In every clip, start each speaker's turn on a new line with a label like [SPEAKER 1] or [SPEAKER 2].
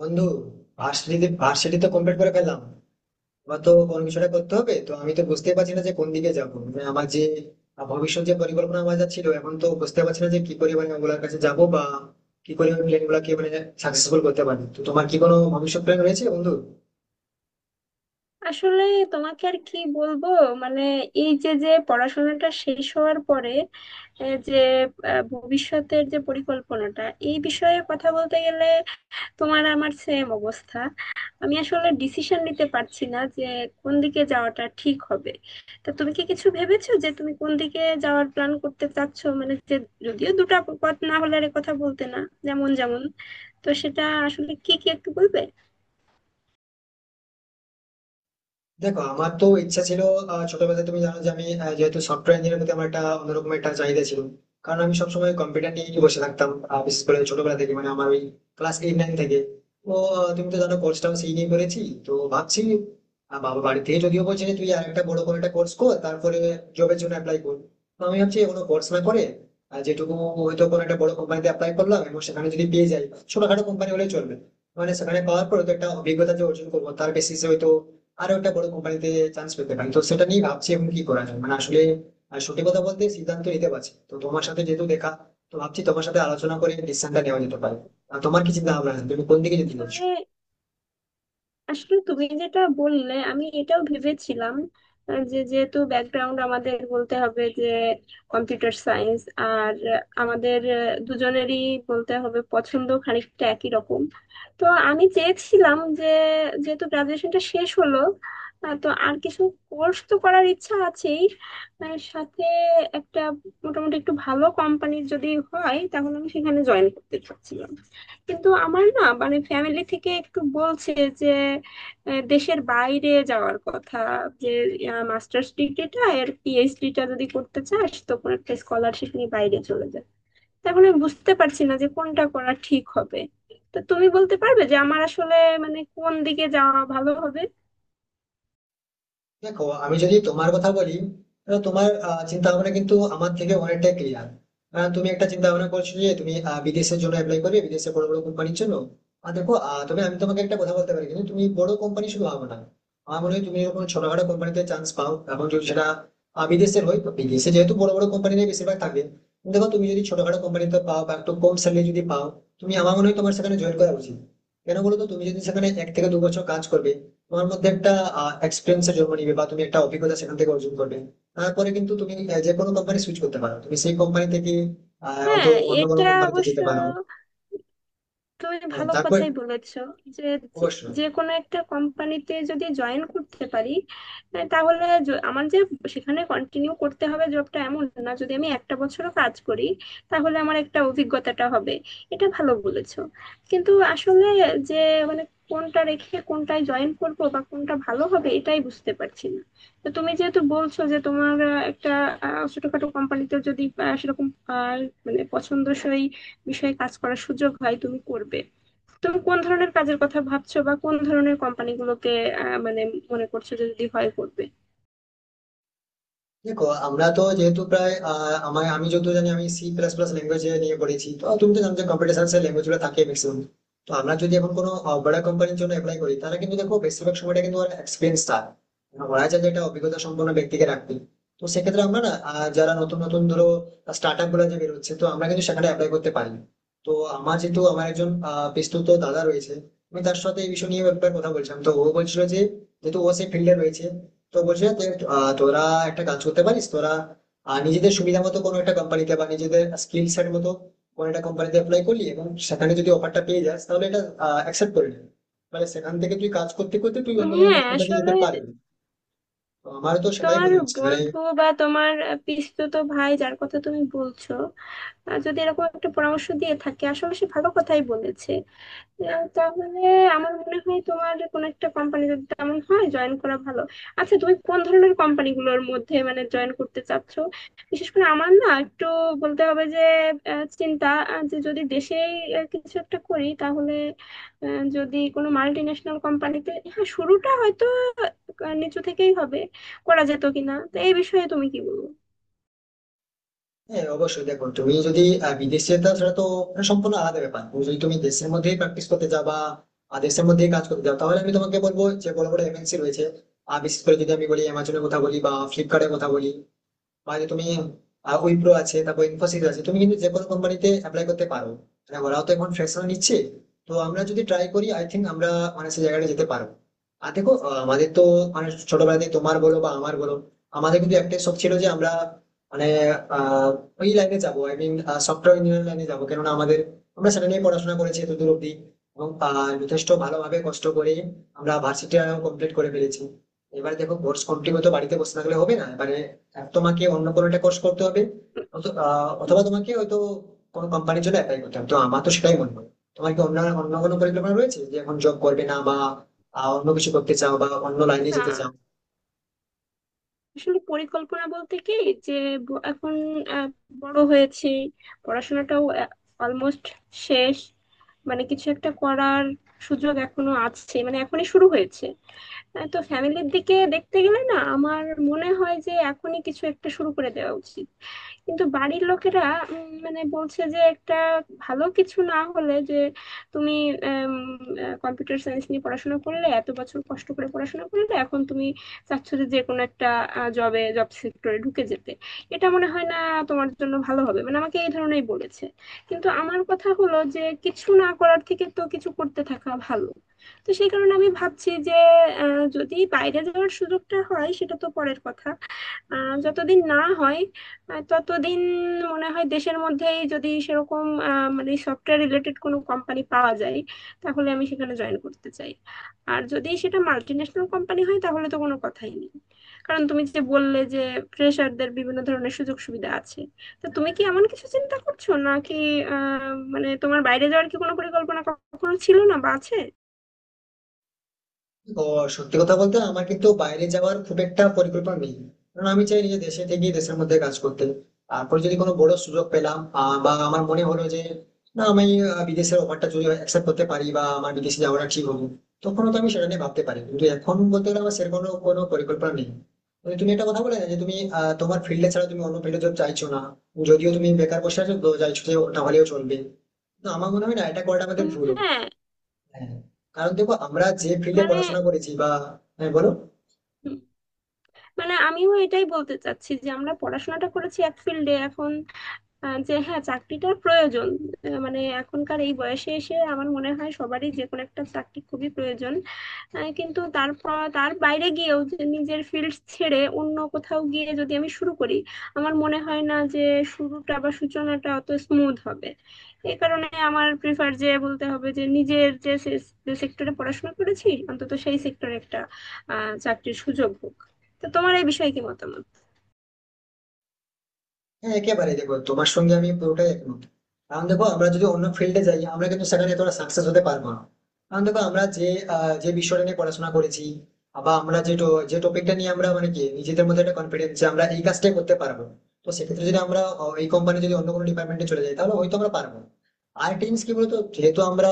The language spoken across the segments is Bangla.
[SPEAKER 1] বন্ধু, ভার্সিটি তো কমপ্লিট করে ফেললাম। এবার তো কোনো কিছুটা করতে হবে, তো আমি তো বুঝতে পারছি না যে কোন দিকে যাবো। মানে আমার যে ভবিষ্যৎ যে পরিকল্পনা আমার যা ছিল, এখন তো বুঝতে পারছি না যে কি করে মানে ওগুলোর কাছে যাবো বা কি করে আমি প্ল্যান গুলাকে মানে সাকসেসফুল করতে পারি। তো তোমার কি কোনো ভবিষ্যৎ প্ল্যান রয়েছে বন্ধু?
[SPEAKER 2] আসলে তোমাকে আর কি বলবো? মানে এই যে যে পড়াশোনাটা শেষ হওয়ার পরে এ যে ভবিষ্যতের যে পরিকল্পনাটা, এই বিষয়ে কথা বলতে গেলে তোমার আমার সেম অবস্থা। আমি আসলে ডিসিশন নিতে পারছি না যে কোন দিকে যাওয়াটা ঠিক হবে। তা তুমি কি কিছু ভেবেছো যে তুমি কোন দিকে যাওয়ার প্ল্যান করতে চাচ্ছো? মানে যে যদিও দুটো পথ না হলে আর এ কথা বলতে না। যেমন যেমন তো সেটা আসলে কি কি একটু বলবে?
[SPEAKER 1] দেখো, আমার তো ইচ্ছা ছিল ছোটবেলায়, তুমি জানো যে আমি যেহেতু সফটওয়্যার ইঞ্জিনিয়ার প্রতি আমার একটা অন্যরকম একটা চাহিদা ছিল, কারণ আমি সবসময় কম্পিউটার নিয়ে বসে থাকতাম। বিশেষ করে ছোটবেলা থেকে, মানে আমার ওই ক্লাস 8, 9 থেকে। তো তুমি তো জানো, কোর্সটাও সেই নিয়ে করেছি। তো ভাবছি, বাবা বাড়ি থেকে যদিও বলছে যে তুই আর একটা বড় করে একটা কোর্স কর, তারপরে জবের জন্য অ্যাপ্লাই কর। তো আমি ভাবছি কোনো কোর্স না করে যেটুকু হয়তো কোনো একটা বড় কোম্পানিতে অ্যাপ্লাই করলাম এবং সেখানে যদি পেয়ে যাই, ছোটখাটো কোম্পানি হলে চলবে। মানে সেখানে পাওয়ার পরে তো একটা অভিজ্ঞতা যে অর্জন করবো, তার বেসিসে হয়তো আরো একটা বড় কোম্পানিতে চান্স পেতে পারি। তো সেটা নিয়ে ভাবছি এখন কি করা যায়, মানে আসলে সত্যি কথা বলতে সিদ্ধান্ত নিতে পারছি না। তো তোমার সাথে যেহেতু দেখা, তো ভাবছি তোমার সাথে আলোচনা করে ডিসিশনটা নেওয়া যেতে পারে। আর তোমার কি চিন্তা ভাবনা আছে, তুমি কোন দিকে যেতে চাচ্ছ?
[SPEAKER 2] আসলে আসলে তুমি যেটা বললে আমি এটাও ভেবেছিলাম। যে যেহেতু ব্যাকগ্রাউন্ড আমাদের বলতে হবে যে কম্পিউটার সায়েন্স, আর আমাদের দুজনেরই বলতে হবে পছন্দ খানিকটা একই রকম। তো আমি চেয়েছিলাম যে যেহেতু গ্রাজুয়েশনটা শেষ হলো, তো আর কিছু কোর্স তো করার ইচ্ছা আছেই। সাথে একটা মোটামুটি একটু ভালো কোম্পানির যদি হয় তাহলে আমি সেখানে জয়েন করতে চাচ্ছিলাম। কিন্তু আমার না মানে ফ্যামিলি থেকে একটু বলছে যে দেশের বাইরে যাওয়ার কথা, যে মাস্টার্স ডিগ্রিটা আর পিএইচডিটা যদি করতে চাস তো কোনো একটা স্কলারশিপ নিয়ে বাইরে চলে যা। তো এখন আমি বুঝতে পারছি না যে কোনটা করা ঠিক হবে। তো তুমি বলতে পারবে যে আমার আসলে মানে কোন দিকে যাওয়া ভালো হবে?
[SPEAKER 1] দেখো, আমি যদি তোমার কথা বলি, তাহলে তোমার চিন্তা ভাবনা কিন্তু আমার থেকে অনেকটাই ক্লিয়ার। তুমি একটা চিন্তা ভাবনা করছো যে তুমি বিদেশের জন্য অ্যাপ্লাই করবে, বিদেশে বড় বড় কোম্পানির জন্য। আর দেখো তবে আমি তোমাকে একটা কথা বলতে পারি, কিন্তু তুমি বড় কোম্পানি শুধু ভাবো না। আমার মনে হয় তুমি যখন ছোটখাটো কোম্পানিতে চান্স পাও এবং যদি সেটা বিদেশের হয়, তো বিদেশে যেহেতু বড় বড় কোম্পানিতে বেশিরভাগ থাকে, কিন্তু দেখো তুমি যদি ছোটখাটো কোম্পানিতে পাও বা একটু কম স্যালারি যদি পাও, তুমি আমার মনে হয় তোমার সেখানে জয়েন করা উচিত। কেন বলো তো, তুমি যদি সেখানে 1 থেকে 2 বছর কাজ করবে, তোমার মধ্যে একটা এক্সপিরিয়েন্স জন্ম নিবে বা তুমি একটা অভিজ্ঞতা সেখান থেকে অর্জন করবে। তারপরে কিন্তু তুমি যে কোনো কোম্পানি সুইচ করতে পারো, তুমি সেই কোম্পানি থেকে হয়তো
[SPEAKER 2] হ্যাঁ,
[SPEAKER 1] অন্য কোনো
[SPEAKER 2] এটা
[SPEAKER 1] কোম্পানিতে
[SPEAKER 2] অবশ্য
[SPEAKER 1] যেতে পারো।
[SPEAKER 2] তুমি
[SPEAKER 1] হ্যাঁ,
[SPEAKER 2] ভালো
[SPEAKER 1] তারপর
[SPEAKER 2] কথাই বলেছো। যে যে
[SPEAKER 1] অবশ্যই।
[SPEAKER 2] যে কোনো একটা কোম্পানিতে যদি জয়েন করতে পারি, তাহলে আমার যে সেখানে কন্টিনিউ করতে হবে জবটা এমন না। যদি আমি একটা বছর কাজ করি তাহলে আমার একটা অভিজ্ঞতাটা হবে। এটা ভালো বলেছো। কিন্তু আসলে যে মানে কোনটা রেখে কোনটায় জয়েন করব বা কোনটা ভালো হবে এটাই বুঝতে পারছি না। তো তুমি যেহেতু বলছো যে তোমার একটা ছোটখাটো কোম্পানিতে যদি সেরকম আহ, মানে পছন্দসই বিষয়ে কাজ করার সুযোগ হয় তুমি করবে, তুমি কোন ধরনের কাজের কথা ভাবছো বা কোন ধরনের কোম্পানিগুলোতে মানে মনে করছো যে যদি হয় করবে?
[SPEAKER 1] দেখো, আমরা তো যেহেতু প্রায় আহ, আমার আমি যতদূর জানি আমি সি প্লাস প্লাস ল্যাঙ্গুয়েজ নিয়ে পড়েছি, তো তুমি তো জানো যে কম্পিউটার সায়েন্সের ল্যাঙ্গুয়েজ গুলো থাকে ম্যাক্সিমাম। তো আমরা যদি এখন কোনো বড় কোম্পানির জন্য অ্যাপ্লাই করি, তাহলে কিন্তু দেখো বেশিরভাগ সময়টা কিন্তু ওরা এক্সপিরিয়েন্স থাকে, মানে ওরা চায় যে একটা অভিজ্ঞতা সম্পন্ন ব্যক্তিকে রাখবে। তো সেক্ষেত্রে আমরা না যারা নতুন নতুন, ধরো স্টার্ট আপ গুলো যে বেরোচ্ছে, তো আমরা কিন্তু সেখানে অ্যাপ্লাই করতে পারি। তো আমার যেহেতু আমার একজন বিস্তৃত দাদা রয়েছে, আমি তার সাথে এই বিষয় নিয়ে একবার কথা বলছিলাম, তো ও বলছিল যে যেহেতু ও সেই ফিল্ডে রয়েছে, তো বলছে যে তোরা একটা কাজ করতে পারিস, তোরা নিজেদের সুবিধা মতো কোনো একটা কোম্পানিতে বা নিজেদের স্কিল সেট মতো কোনো একটা কোম্পানিতে অ্যাপ্লাই করলি এবং সেখানে যদি অফারটা পেয়ে যাস, তাহলে এটা অ্যাকসেপ্ট করে নিবি। মানে সেখান থেকে তুই কাজ করতে করতে তুই অন্য কোনো
[SPEAKER 2] হ্যাঁ,
[SPEAKER 1] বড় কোম্পানিতে যেতে
[SPEAKER 2] আসলে
[SPEAKER 1] পারবি। তো আমারও তো সেটাই
[SPEAKER 2] তোমার
[SPEAKER 1] মনে হচ্ছে, মানে
[SPEAKER 2] বন্ধু বা তোমার পিসতুতো ভাই যার কথা তুমি বলছো, যদি এরকম একটা পরামর্শ দিয়ে থাকে আসলে সে ভালো কথাই বলেছে। তাহলে আমার মনে হয় তোমার কোনো একটা কোম্পানি যদি তেমন হয় জয়েন করা ভালো। আচ্ছা তুমি কোন ধরনের কোম্পানিগুলোর মধ্যে মানে জয়েন করতে চাচ্ছ? বিশেষ করে আমার না একটু বলতে হবে যে চিন্তা যে যদি দেশেই কিছু একটা করি, তাহলে যদি কোনো মাল্টি ন্যাশনাল কোম্পানিতে, হ্যাঁ, শুরুটা হয়তো নিচু থেকেই হবে, করা যেত কিনা? তো এই বিষয়ে তুমি কি বলবো?
[SPEAKER 1] হ্যাঁ, অবশ্যই। দেখো, তুমি যদি বিদেশে যেতে চাও, সেটা তো মানে সম্পূর্ণ আলাদা ব্যাপার। তুমি যদি তুমি দেশের মধ্যেই প্র্যাকটিস করতে যাও বা দেশের মধ্যেই কাজ করতে যাও, তাহলে আমি তোমাকে বলবো যে বড় বড় এমএনসি রয়েছে। আর বিশেষ করে যদি আমি বলি, অ্যামাজনের কথা বলি বা ফ্লিপকার্টের কথা বলি, মানে তুমি উইপ্রো আছে, তারপর ইনফোসিস আছে, তুমি কিন্তু যে কোনো কোম্পানিতে অ্যাপ্লাই করতে পারো। মানে ওরাও তো এখন ফ্রেশার নিচ্ছে। তো আমরা যদি ট্রাই করি, আই থিঙ্ক আমরা মানে সেই জায়গাটা যেতে পারবো। আর দেখো আমাদের তো মানে ছোটবেলা থেকে তোমার বলো বা আমার বলো, আমাদের কিন্তু একটাই শখ ছিল যে আমরা মানে আহ, ওই লাইনে যাবো, আই মিন সফটওয়্যার ইঞ্জিনিয়ারিং লাইনে যাবো, কেননা আমাদের আমরা সেটা নিয়ে পড়াশোনা করেছি এত দূর অব্দি। এবং যথেষ্ট ভালোভাবে কষ্ট করে আমরা ভার্সিটি কমপ্লিট করে ফেলেছি। এবারে দেখো কোর্স কমপ্লিট হতে বাড়িতে বসে থাকলে হবে না এবারে। আর তোমাকে অন্য কোনো একটা কোর্স করতে হবে, অথবা তোমাকে হয়তো কোনো কোম্পানির জন্য অ্যাপ্লাই করতে হবে। তো আমার তো সেটাই মনে হয়। তোমার কি অন্য অন্য কোনো পরিকল্পনা রয়েছে যে এখন জব করবে না বা অন্য কিছু করতে চাও বা অন্য লাইনে যেতে
[SPEAKER 2] হুম।
[SPEAKER 1] চাও?
[SPEAKER 2] আসলে পরিকল্পনা বলতে কি, যে এখন আহ, বড় হয়েছি, পড়াশোনাটাও অলমোস্ট শেষ, মানে কিছু একটা করার সুযোগ এখনো আছে, মানে এখনই শুরু হয়েছে। তো ফ্যামিলির দিকে দেখতে গেলে না আমার মনে হয় যে এখনই কিছু একটা শুরু করে দেওয়া উচিত। কিন্তু বাড়ির লোকেরা মানে বলছে যে একটা ভালো কিছু না হলে যে তুমি কম্পিউটার সায়েন্স নিয়ে পড়াশোনা করলে এত বছর কষ্ট করে পড়াশোনা করলে, এখন তুমি চাচ্ছ যে যে কোনো একটা জবে, জব সেক্টরে ঢুকে যেতে, এটা মনে হয় না তোমার জন্য ভালো হবে। মানে আমাকে এই ধরনেরই বলেছে। কিন্তু আমার কথা হলো যে কিছু না করার থেকে তো কিছু করতে থাকা ভালো। তো সেই কারণে আমি ভাবছি যে যদি বাইরে যাওয়ার সুযোগটা হয় সেটা তো পরের কথা। আহ যতদিন না হয় ততদিন মনে হয় দেশের মধ্যেই যদি সেরকম মানে সফটওয়্যার রিলেটেড কোনো কোম্পানি পাওয়া যায় তাহলে আমি সেখানে জয়েন করতে চাই। আর যদি সেটা মাল্টিন্যাশনাল কোম্পানি হয় তাহলে তো কোনো কথাই নেই। কারণ তুমি যে বললে যে ফ্রেশারদের বিভিন্ন ধরনের সুযোগ সুবিধা আছে। তো তুমি কি এমন কিছু চিন্তা করছো নাকি? আহ মানে তোমার বাইরে যাওয়ার কি কোনো পরিকল্পনা কখনো ছিল না বা আছে?
[SPEAKER 1] ও, সত্যি কথা বলতে আমার কিন্তু বাইরে যাওয়ার খুব একটা পরিকল্পনা নেই। কারণ আমি চাই নিজে দেশে থেকে দেশের মধ্যে কাজ করতে। তারপর যদি কোনো বড় সুযোগ পেলাম বা আমার মনে হলো যে না, আমি বিদেশের অফারটা যদি অ্যাকসেপ্ট করতে পারি বা আমার বিদেশে যাওয়াটা ঠিক হবে, তখন তো আমি সেটা নিয়ে ভাবতে পারি। কিন্তু এখন বলতে গেলে আমার সেরকম কোনো কোনো পরিকল্পনা নেই। তবে তুমি একটা কথা বলে না, যে তুমি তোমার ফিল্ডে ছাড়া তুমি অন্য ফিল্ডে জব চাইছো না, যদিও তুমি বেকার বসে আছো তো চাইছো যে ওটা হলেও চলবে, না আমার মনে হয় না এটা করাটা আমাদের
[SPEAKER 2] উম,
[SPEAKER 1] ভুল হবে।
[SPEAKER 2] হ্যাঁ।
[SPEAKER 1] হ্যাঁ, কারণ দেখো আমরা যে ফিল্ডে
[SPEAKER 2] মানে
[SPEAKER 1] পড়াশোনা করেছি বা হ্যাঁ বলো।
[SPEAKER 2] মানে আমিও এটাই বলতে চাচ্ছি যে আমরা পড়াশোনাটা করেছি এক ফিল্ডে, এখন যে হ্যাঁ চাকরিটার প্রয়োজন। মানে এখনকার এই বয়সে এসে আমার মনে হয় সবারই যে কোনো একটা চাকরি খুবই প্রয়োজন। কিন্তু তারপর তার বাইরে গিয়েও যে নিজের ফিল্ড ছেড়ে অন্য কোথাও গিয়ে যদি আমি শুরু করি, আমার মনে হয় না যে শুরুটা বা সূচনাটা অত স্মুথ হবে। এই কারণে আমার প্রিফার যে বলতে হবে যে নিজের যে সেক্টরে পড়াশোনা করেছি অন্তত সেই সেক্টরে একটা আহ চাকরির সুযোগ হোক। তো তোমার এই বিষয়ে কি মতামত?
[SPEAKER 1] হ্যাঁ, একেবারে। দেখো, তোমার সঙ্গে আমি পুরোটাই একমত। কারণ দেখো আমরা যদি অন্য ফিল্ডে যাই, আমরা কিন্তু সেখানে এতটা সাকসেস হতে পারবো না। কারণ দেখো আমরা যে যে বিষয়টা নিয়ে পড়াশোনা করেছি বা আমরা যে যে টপিকটা নিয়ে আমরা মানে কি নিজেদের মধ্যে একটা কনফিডেন্স যে আমরা এই কাজটাই করতে পারবো। তো সেক্ষেত্রে যদি আমরা এই কোম্পানি যদি অন্য কোনো ডিপার্টমেন্টে চলে যাই, তাহলে হয়তো আমরা পারবো। আর টিমস কি বলতো, যেহেতু আমরা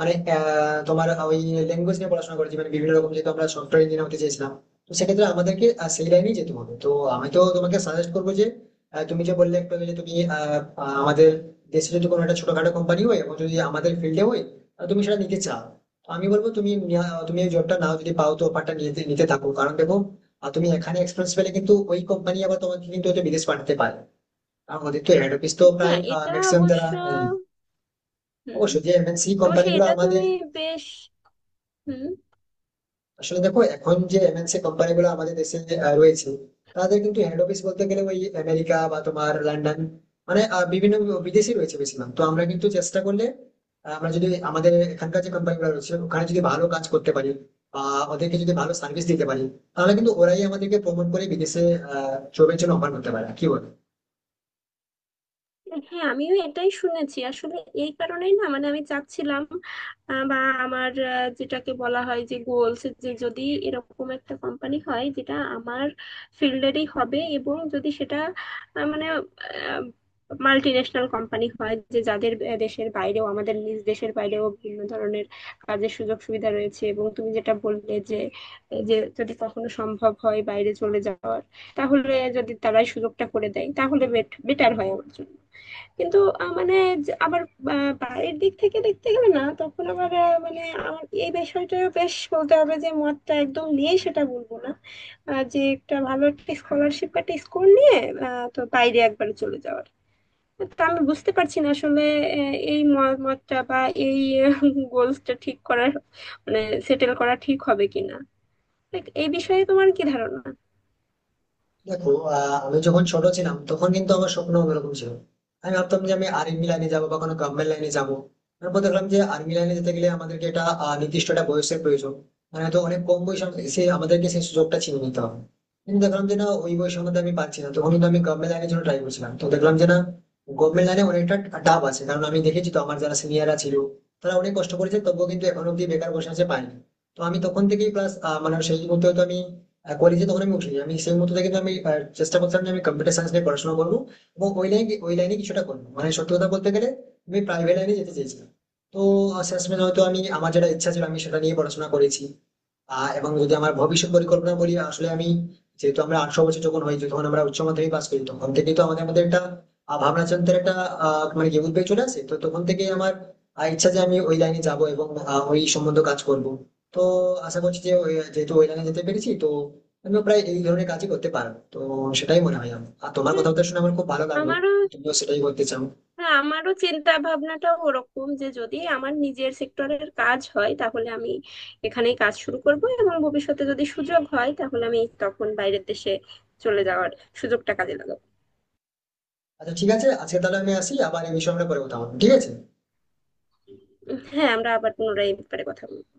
[SPEAKER 1] মানে তোমার ওই ল্যাঙ্গুয়েজ নিয়ে পড়াশোনা করেছি মানে বিভিন্ন রকম, যেহেতু আমরা সফটওয়্যার ইঞ্জিনিয়ার হতে চেয়েছিলাম, তো সেক্ষেত্রে আমাদেরকে সেই লাইনেই যেতে হবে। তো আমি তো তোমাকে সাজেস্ট করবো যে তুমি যে বললে একটু আগে যে তুমি আহ, আহ, আমাদের দেশে যদি কোনো একটা ছোটখাটো কোম্পানি হয় এবং যদি আমাদের ফিল্ডে হয়, তুমি সেটা নিতে চাও, তো আমি বলবো তুমি তুমি এই জবটা নাও। যদি পাও তো অফারটা নিতে নিতে থাকো। কারণ দেখো তুমি এখানে এক্সপিরিয়েন্স পেলে কিন্তু ওই কোম্পানি আবার তোমাকে কিন্তু হয়তো বিদেশ পাঠাতে পারে। কারণ ওদের তো হেড অফিস তো প্রায়
[SPEAKER 2] হ্যাঁ, এটা
[SPEAKER 1] ম্যাক্সিমাম যারা
[SPEAKER 2] অবশ্য। হুম।
[SPEAKER 1] অবশ্যই যে এমএনসি
[SPEAKER 2] অবশ্যই।
[SPEAKER 1] কোম্পানিগুলো
[SPEAKER 2] এটা
[SPEAKER 1] আমাদের
[SPEAKER 2] তুমি বেশ। হুম।
[SPEAKER 1] আসলে দেখো, এখন যে এমএনসি কোম্পানি গুলো আমাদের দেশে রয়েছে, তাদের কিন্তু হেড অফিস বলতে গেলে ওই আমেরিকা বা তোমার লন্ডন, মানে বিভিন্ন বিদেশি রয়েছে বেশিরভাগ। তো আমরা কিন্তু চেষ্টা করলে আমরা যদি আমাদের এখানকার যে কোম্পানি গুলো রয়েছে ওখানে যদি ভালো কাজ করতে পারি বা ওদেরকে যদি ভালো সার্ভিস দিতে পারি, তাহলে কিন্তু ওরাই আমাদেরকে প্রমোট করে বিদেশে জবের জন্য অফার করতে পারে, কি বল?
[SPEAKER 2] হ্যাঁ, আমিও এটাই শুনেছি আসলে। এই কারণেই না মানে আমি চাচ্ছিলাম বা আমার যেটাকে বলা হয় যে গোলস, যে যদি এরকম একটা কোম্পানি হয় যেটা আমার ফিল্ডেরই হবে এবং যদি সেটা মানে মাল্টি ন্যাশনাল কোম্পানি হয় যে যাদের দেশের বাইরেও, আমাদের নিজ দেশের বাইরেও বিভিন্ন ধরনের কাজের সুযোগ সুবিধা রয়েছে। এবং তুমি যেটা বললে যে যে যদি কখনো সম্ভব হয় বাইরে চলে যাওয়ার, তাহলে যদি তারাই সুযোগটা করে দেয় তাহলে বেটার হয় আমার জন্য। কিন্তু মানে যে আবার বাড়ির দিক থেকে দেখতে গেলে না, তখন আবার মানে আমার এই বিষয়টা বেশ বলতে হবে যে মতটা একদম নেই সেটা বলবো না। যে একটা ভালো একটা স্কলারশিপ, একটা স্কোর নিয়ে তো বাইরে একবার চলে যাওয়ার, তা আমি বুঝতে পারছি না আসলে এই মতটা বা এই গোলসটা ঠিক করার মানে সেটেল করা ঠিক হবে কিনা। Like, এই বিষয়ে তোমার কি ধারণা?
[SPEAKER 1] দেখো, আমি যখন ছোট ছিলাম তখন কিন্তু আমার স্বপ্ন অন্যরকম ছিল। আমি ভাবতাম যে আমি আর্মি লাইনে যাবো বা কোনো গভর্নমেন্ট লাইনে যাবো। তারপর দেখলাম যে আর্মি লাইনে যেতে গেলে আমাদেরকে একটা নির্দিষ্ট একটা বয়সের প্রয়োজন, মানে তো অনেক কম বয়সে সে আমাদেরকে সেই সুযোগটা ছিনে নিতে হবে। কিন্তু দেখলাম যে না, ওই বয়সের মধ্যে আমি পাচ্ছি না, তখন কিন্তু আমি গভর্নমেন্ট লাইনের জন্য ট্রাই করছিলাম, তো দেখলাম যে না, গভর্নমেন্ট লাইনে অনেকটা টাফ আছে। কারণ আমি দেখেছি তো, আমার যারা সিনিয়ররা ছিল, তারা অনেক কষ্ট করেছে, তবুও কিন্তু এখন অব্দি বেকার বসে আছে, পায়নি। তো আমি তখন থেকেই ক্লাস, মানে সেই মুহূর্তে হয়তো আমি কলেজে তখন আমি উঠিনি, আমি সেই মুহূর্ত থেকে তো আমি চেষ্টা করতাম যে আমি কম্পিউটার সায়েন্স নিয়ে পড়াশোনা করবো এবং ওই লাইনে কিছুটা করবো। মানে সত্যি কথা বলতে গেলে আমি প্রাইভেট লাইনে যেতে চেয়েছিলাম। তো শেষমেশ হয়তো আমি আমার যেটা ইচ্ছা ছিল আমি সেটা নিয়ে পড়াশোনা করেছি। এবং যদি আমার ভবিষ্যৎ পরিকল্পনা বলি, আসলে আমি যেহেতু আমরা 18 বছর যখন হয়েছি, যখন আমরা উচ্চ মাধ্যমিক পাস করি, তখন থেকেই তো আমাদের মধ্যে একটা ভাবনা চিন্তার একটা মানে কি উদ্বেগ চলে আসে। তো তখন থেকেই আমার ইচ্ছা যে আমি ওই লাইনে যাব এবং ওই সম্বন্ধে কাজ করব। তো আশা করছি যে যেহেতু ওই লাইনে যেতে পেরেছি, তো আমিও প্রায় এই ধরনের কাজই করতে পারো। তো সেটাই মনে হয় আমার। আর তোমার
[SPEAKER 2] হুম,
[SPEAKER 1] কথাবার্তা শুনে আমার খুব ভালো লাগলো,
[SPEAKER 2] আমারও।
[SPEAKER 1] তুমিও সেটাই করতে চাও।
[SPEAKER 2] হ্যাঁ, আমারও চিন্তা ভাবনাটাও ওরকম যে যদি আমার নিজের সেক্টরের কাজ হয় তাহলে আমি এখানেই কাজ শুরু করব এবং ভবিষ্যতে যদি সুযোগ হয় তাহলে আমি তখন বাইরের দেশে চলে যাওয়ার সুযোগটা কাজে লাগাবো।
[SPEAKER 1] আচ্ছা ঠিক আছে, আজকে তাহলে আমি আসি, আবার এই বিষয়ে আমরা পরে কথা হবে, ঠিক আছে?
[SPEAKER 2] হ্যাঁ, আমরা আবার পুনরায় এই ব্যাপারে কথা বলবো।